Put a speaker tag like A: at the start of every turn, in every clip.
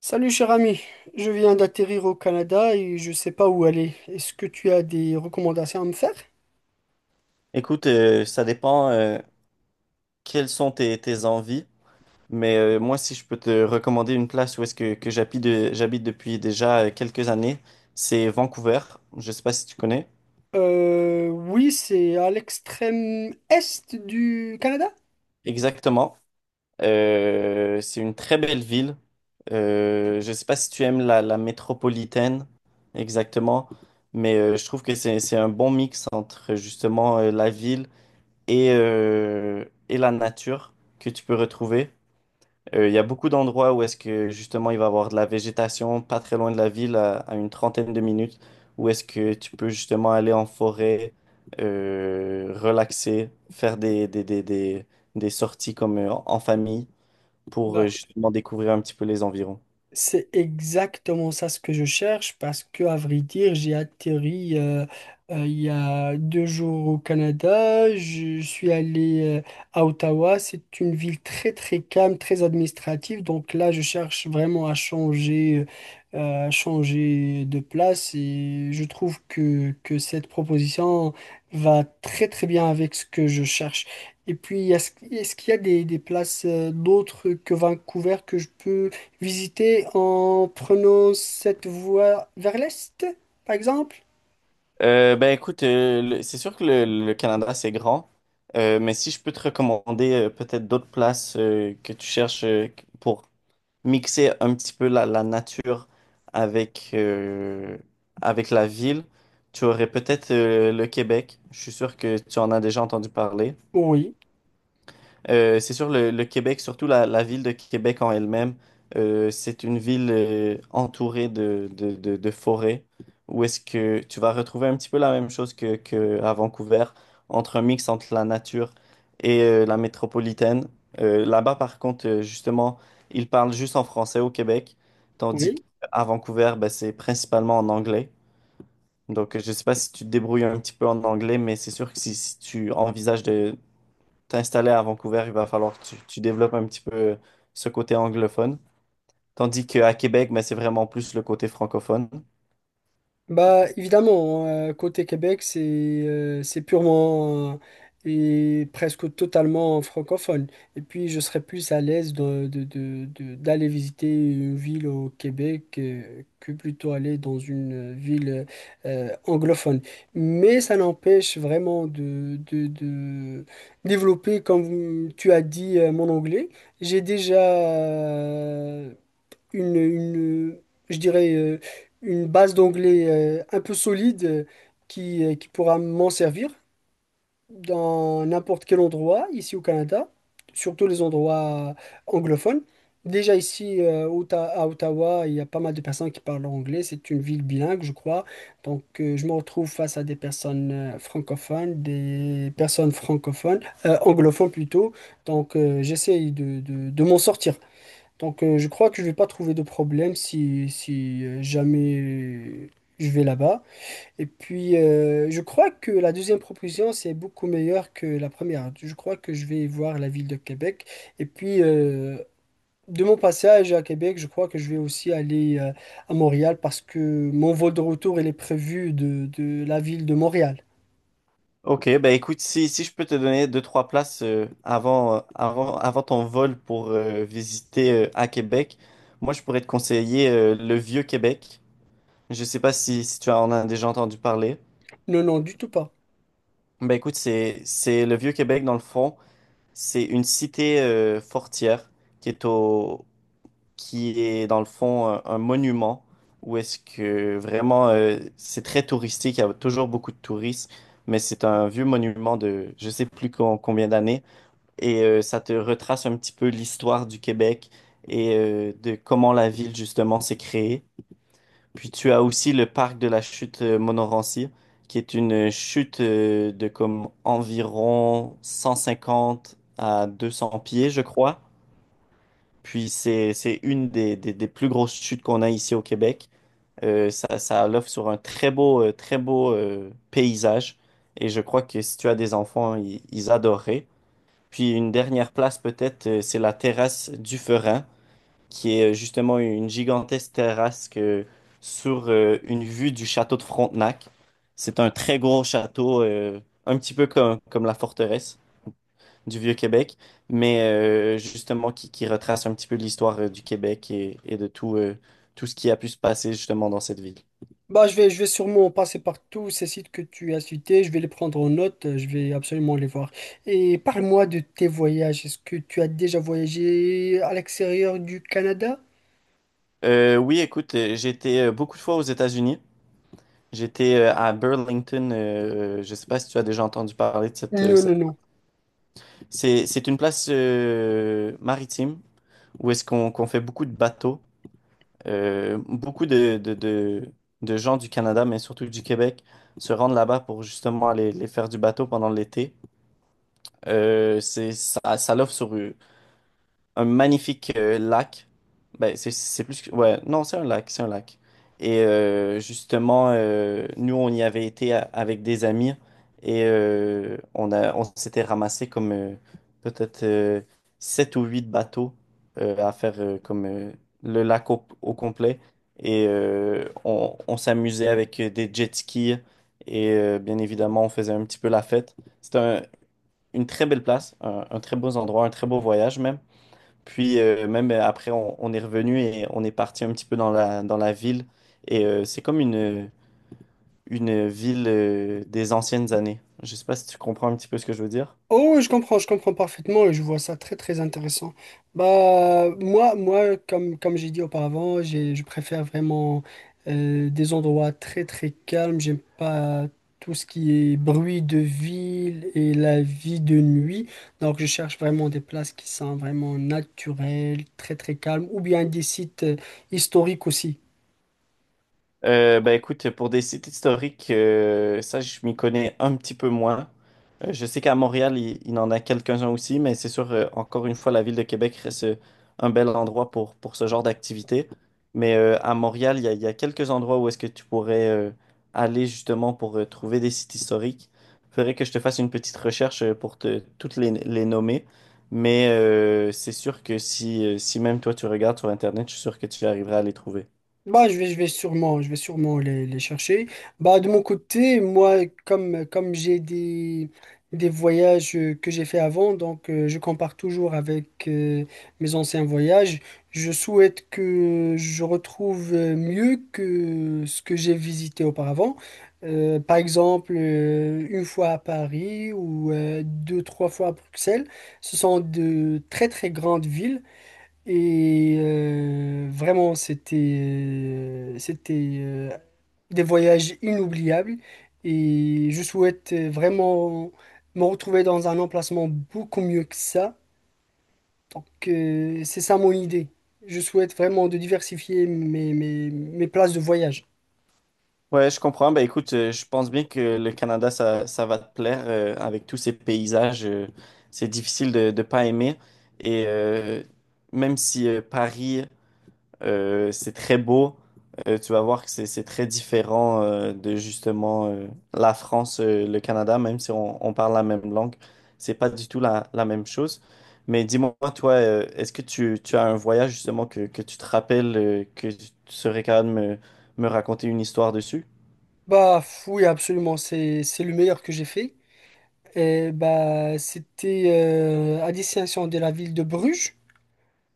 A: Salut cher ami, je viens d'atterrir au Canada et je sais pas où aller. Est-ce que tu as des recommandations à me faire?
B: Écoute, ça dépend, quelles sont tes envies, mais moi, si je peux te recommander une place où est-ce que j'habite, j'habite depuis déjà quelques années, c'est Vancouver. Je sais pas si tu connais.
A: Oui, c'est à l'extrême est du Canada.
B: Exactement. C'est une très belle ville. Je sais pas si tu aimes la métropolitaine, exactement, mais je trouve que c'est un bon mix entre justement la ville et la nature que tu peux retrouver. Il y a beaucoup d'endroits où est-ce que justement il va y avoir de la végétation pas très loin de la ville, à une trentaine de minutes, où est-ce que tu peux justement aller en forêt, relaxer, faire des sorties comme en famille pour
A: Bah,
B: justement découvrir un petit peu les environs.
A: c'est exactement ça ce que je cherche parce que, à vrai dire, j'ai atterri il y a 2 jours au Canada. Je suis allé à Ottawa. C'est une ville très très calme, très administrative. Donc là, je cherche vraiment à changer de place et je trouve que cette proposition va très très bien avec ce que je cherche. Et puis, est-ce qu'il y a des places d'autres que Vancouver que je peux visiter en prenant cette voie vers l'est, par exemple?
B: Ben écoute, c'est sûr que le Canada c'est grand, mais si je peux te recommander peut-être d'autres places que tu cherches, pour mixer un petit peu la nature avec, avec la ville. Tu aurais peut-être le Québec. Je suis sûr que tu en as déjà entendu parler.
A: Oui,
B: C'est sûr, le Québec, surtout la ville de Québec en elle-même, c'est une ville entourée de forêts où est-ce que tu vas retrouver un petit peu la même chose que à Vancouver, entre un mix entre la nature et la métropolitaine. Là-bas, par contre, justement, ils parlent juste en français au Québec, tandis
A: oui.
B: qu'à Vancouver, ben, c'est principalement en anglais. Donc, je ne sais pas si tu te débrouilles un petit peu en anglais, mais c'est sûr que si, si tu envisages de t'installer à Vancouver, il va falloir que tu développes un petit peu ce côté anglophone. Tandis qu'à Québec, mais c'est vraiment plus le côté francophone.
A: Bah évidemment, hein, côté Québec, c'est purement et presque totalement francophone. Et puis je serais plus à l'aise d'aller visiter une ville au Québec que plutôt aller dans une ville anglophone. Mais ça n'empêche vraiment de développer, comme tu as dit, mon anglais. J'ai déjà une, une, je dirais, une base d'anglais un peu solide qui pourra m'en servir dans n'importe quel endroit ici au Canada, surtout les endroits anglophones. Déjà ici à Ottawa, il y a pas mal de personnes qui parlent anglais. C'est une ville bilingue, je crois. Donc je me retrouve face à des personnes anglophones plutôt. Donc j'essaye de, de m'en sortir. Donc, je crois que je vais pas trouver de problème si jamais je vais là-bas. Et puis, je crois que la deuxième proposition, c'est beaucoup meilleur que la première. Je crois que je vais voir la ville de Québec. Et puis, de mon passage à Québec, je crois que je vais aussi aller à Montréal parce que mon vol de retour, il est prévu de la ville de Montréal.
B: Ok, ben écoute, si, si je peux te donner deux, trois places avant, avant ton vol pour visiter à Québec, moi je pourrais te conseiller le Vieux-Québec. Je sais pas si, si tu en as déjà entendu parler.
A: Non, non, du tout pas.
B: Ben écoute, c'est le Vieux-Québec dans le fond, c'est une cité fortière qui est au, qui est dans le fond un monument où est-ce que vraiment c'est très touristique, il y a toujours beaucoup de touristes, mais c'est un vieux monument de je sais plus combien d'années et ça te retrace un petit peu l'histoire du Québec et de comment la ville justement s'est créée. Puis tu as aussi le parc de la chute Montmorency qui est une chute de comme environ 150 à 200 pieds, je crois, puis c'est une des plus grosses chutes qu'on a ici au Québec. Ça l'offre sur un très beau paysage. Et je crois que si tu as des enfants, ils adoreraient. Puis une dernière place peut-être, c'est la terrasse du Ferin, qui est justement une gigantesque terrasse que, sur une vue du château de Frontenac. C'est un très gros château, un petit peu comme la forteresse du Vieux-Québec, mais justement qui retrace un petit peu l'histoire du Québec et de tout, tout ce qui a pu se passer justement dans cette ville.
A: Bah, je vais sûrement passer par tous ces sites que tu as cités, je vais les prendre en note, je vais absolument les voir. Et parle-moi de tes voyages. Est-ce que tu as déjà voyagé à l'extérieur du Canada?
B: Oui, écoute, j'ai été beaucoup de fois aux États-Unis. J'étais à Burlington. Je ne sais pas si tu as déjà entendu parler de cette.
A: Non,
B: euh, cette-
A: non, non.
B: C'est une place maritime où est-ce qu'on fait beaucoup de bateaux. Beaucoup de gens du Canada, mais surtout du Québec, se rendent là-bas pour justement aller faire du bateau pendant l'été. Ça l'offre sur un magnifique lac. Ouais, non, c'est un lac, c'est un lac. Et justement, nous, on y avait été avec des amis et on s'était ramassé comme peut-être 7 ou huit bateaux à faire comme le lac au complet. Et on s'amusait avec des jet skis et bien évidemment, on faisait un petit peu la fête. Une très belle place, un très beau endroit, un très beau voyage même. Puis même après, on est revenu et on est parti un petit peu dans dans la ville. Et c'est comme une ville des anciennes années. Je sais pas si tu comprends un petit peu ce que je veux dire.
A: Oh, ouais, je comprends parfaitement et je vois ça très très intéressant. Bah moi, moi comme j'ai dit auparavant, je préfère vraiment des endroits très très calmes. J'aime pas tout ce qui est bruit de ville et la vie de nuit. Donc je cherche vraiment des places qui sont vraiment naturelles, très très calmes, ou bien des sites historiques aussi.
B: Bah écoute, pour des sites historiques, ça je m'y connais un petit peu moins. Je sais qu'à Montréal, il en a quelques-uns aussi, mais c'est sûr, encore une fois, la ville de Québec reste un bel endroit pour ce genre d'activité. Mais à Montréal, il y a quelques endroits où est-ce que tu pourrais aller justement pour trouver des sites historiques. Faudrait que je te fasse une petite recherche pour te, toutes les nommer. Mais c'est sûr que si, si même toi tu regardes sur Internet, je suis sûr que tu arriveras à les trouver.
A: Bah, je vais sûrement les chercher. Bah, de mon côté, moi, comme j'ai des voyages que j'ai fait avant, donc je compare toujours avec mes anciens voyages. Je souhaite que je retrouve mieux que ce que j'ai visité auparavant. Par exemple, une fois à Paris ou deux, trois fois à Bruxelles. Ce sont de très, très grandes villes. Et vraiment, c'était euh, des voyages inoubliables. Et je souhaite vraiment me retrouver dans un emplacement beaucoup mieux que ça. Donc, c'est ça mon idée. Je souhaite vraiment de diversifier mes places de voyage.
B: Ouais, je comprends. Ben, écoute, je pense bien que le Canada, ça va te plaire avec tous ces paysages. C'est difficile de ne pas aimer. Et même si Paris, c'est très beau, tu vas voir que c'est très différent de justement la France, le Canada, même si on parle la même langue, c'est pas du tout la même chose. Mais dis-moi, toi, est-ce que tu as un voyage justement que tu te rappelles, que tu serais capable de me raconter une histoire dessus?
A: Bah, oui, absolument. C'est le meilleur que j'ai fait. Et bah, c'était à destination de la ville de Bruges,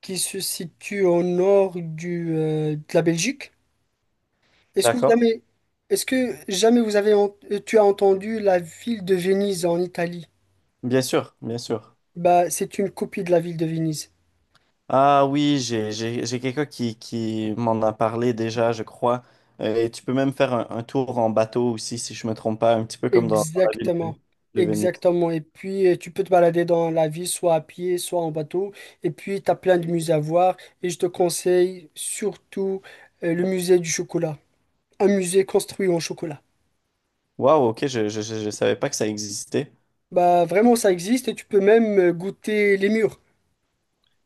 A: qui se situe au nord du, de la Belgique. Est-ce que
B: D'accord,
A: jamais, est-ce que jamais tu as entendu la ville de Venise en Italie?
B: bien sûr, bien sûr.
A: Bah, c'est une copie de la ville de Venise.
B: Ah oui, j'ai quelqu'un qui m'en a parlé déjà, je crois. Et tu peux même faire un tour en bateau aussi, si je me trompe pas, un petit peu comme dans, dans la ville
A: Exactement.
B: de Venise.
A: Exactement. Et puis, tu peux te balader dans la ville, soit à pied, soit en bateau. Et puis, tu as plein de musées à voir. Et je te conseille surtout, le musée du chocolat. Un musée construit en chocolat.
B: Waouh, ok, je savais pas que ça existait.
A: Bah, vraiment, ça existe et tu peux même goûter les murs.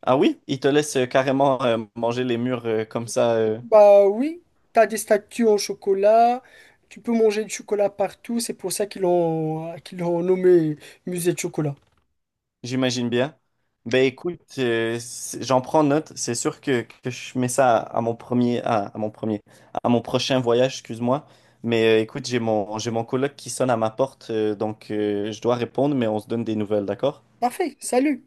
B: Ah oui, ils te laissent carrément manger les murs comme ça.
A: Bah oui, t'as des statues en chocolat, tu peux manger du chocolat partout, c'est pour ça qu'ils l'ont nommé musée de chocolat.
B: J'imagine bien. Ben écoute, j'en prends note. C'est sûr que je mets ça à mon prochain voyage, excuse-moi. Mais écoute, j'ai mon coloc qui sonne à ma porte, donc je dois répondre, mais on se donne des nouvelles, d'accord?
A: Parfait, salut!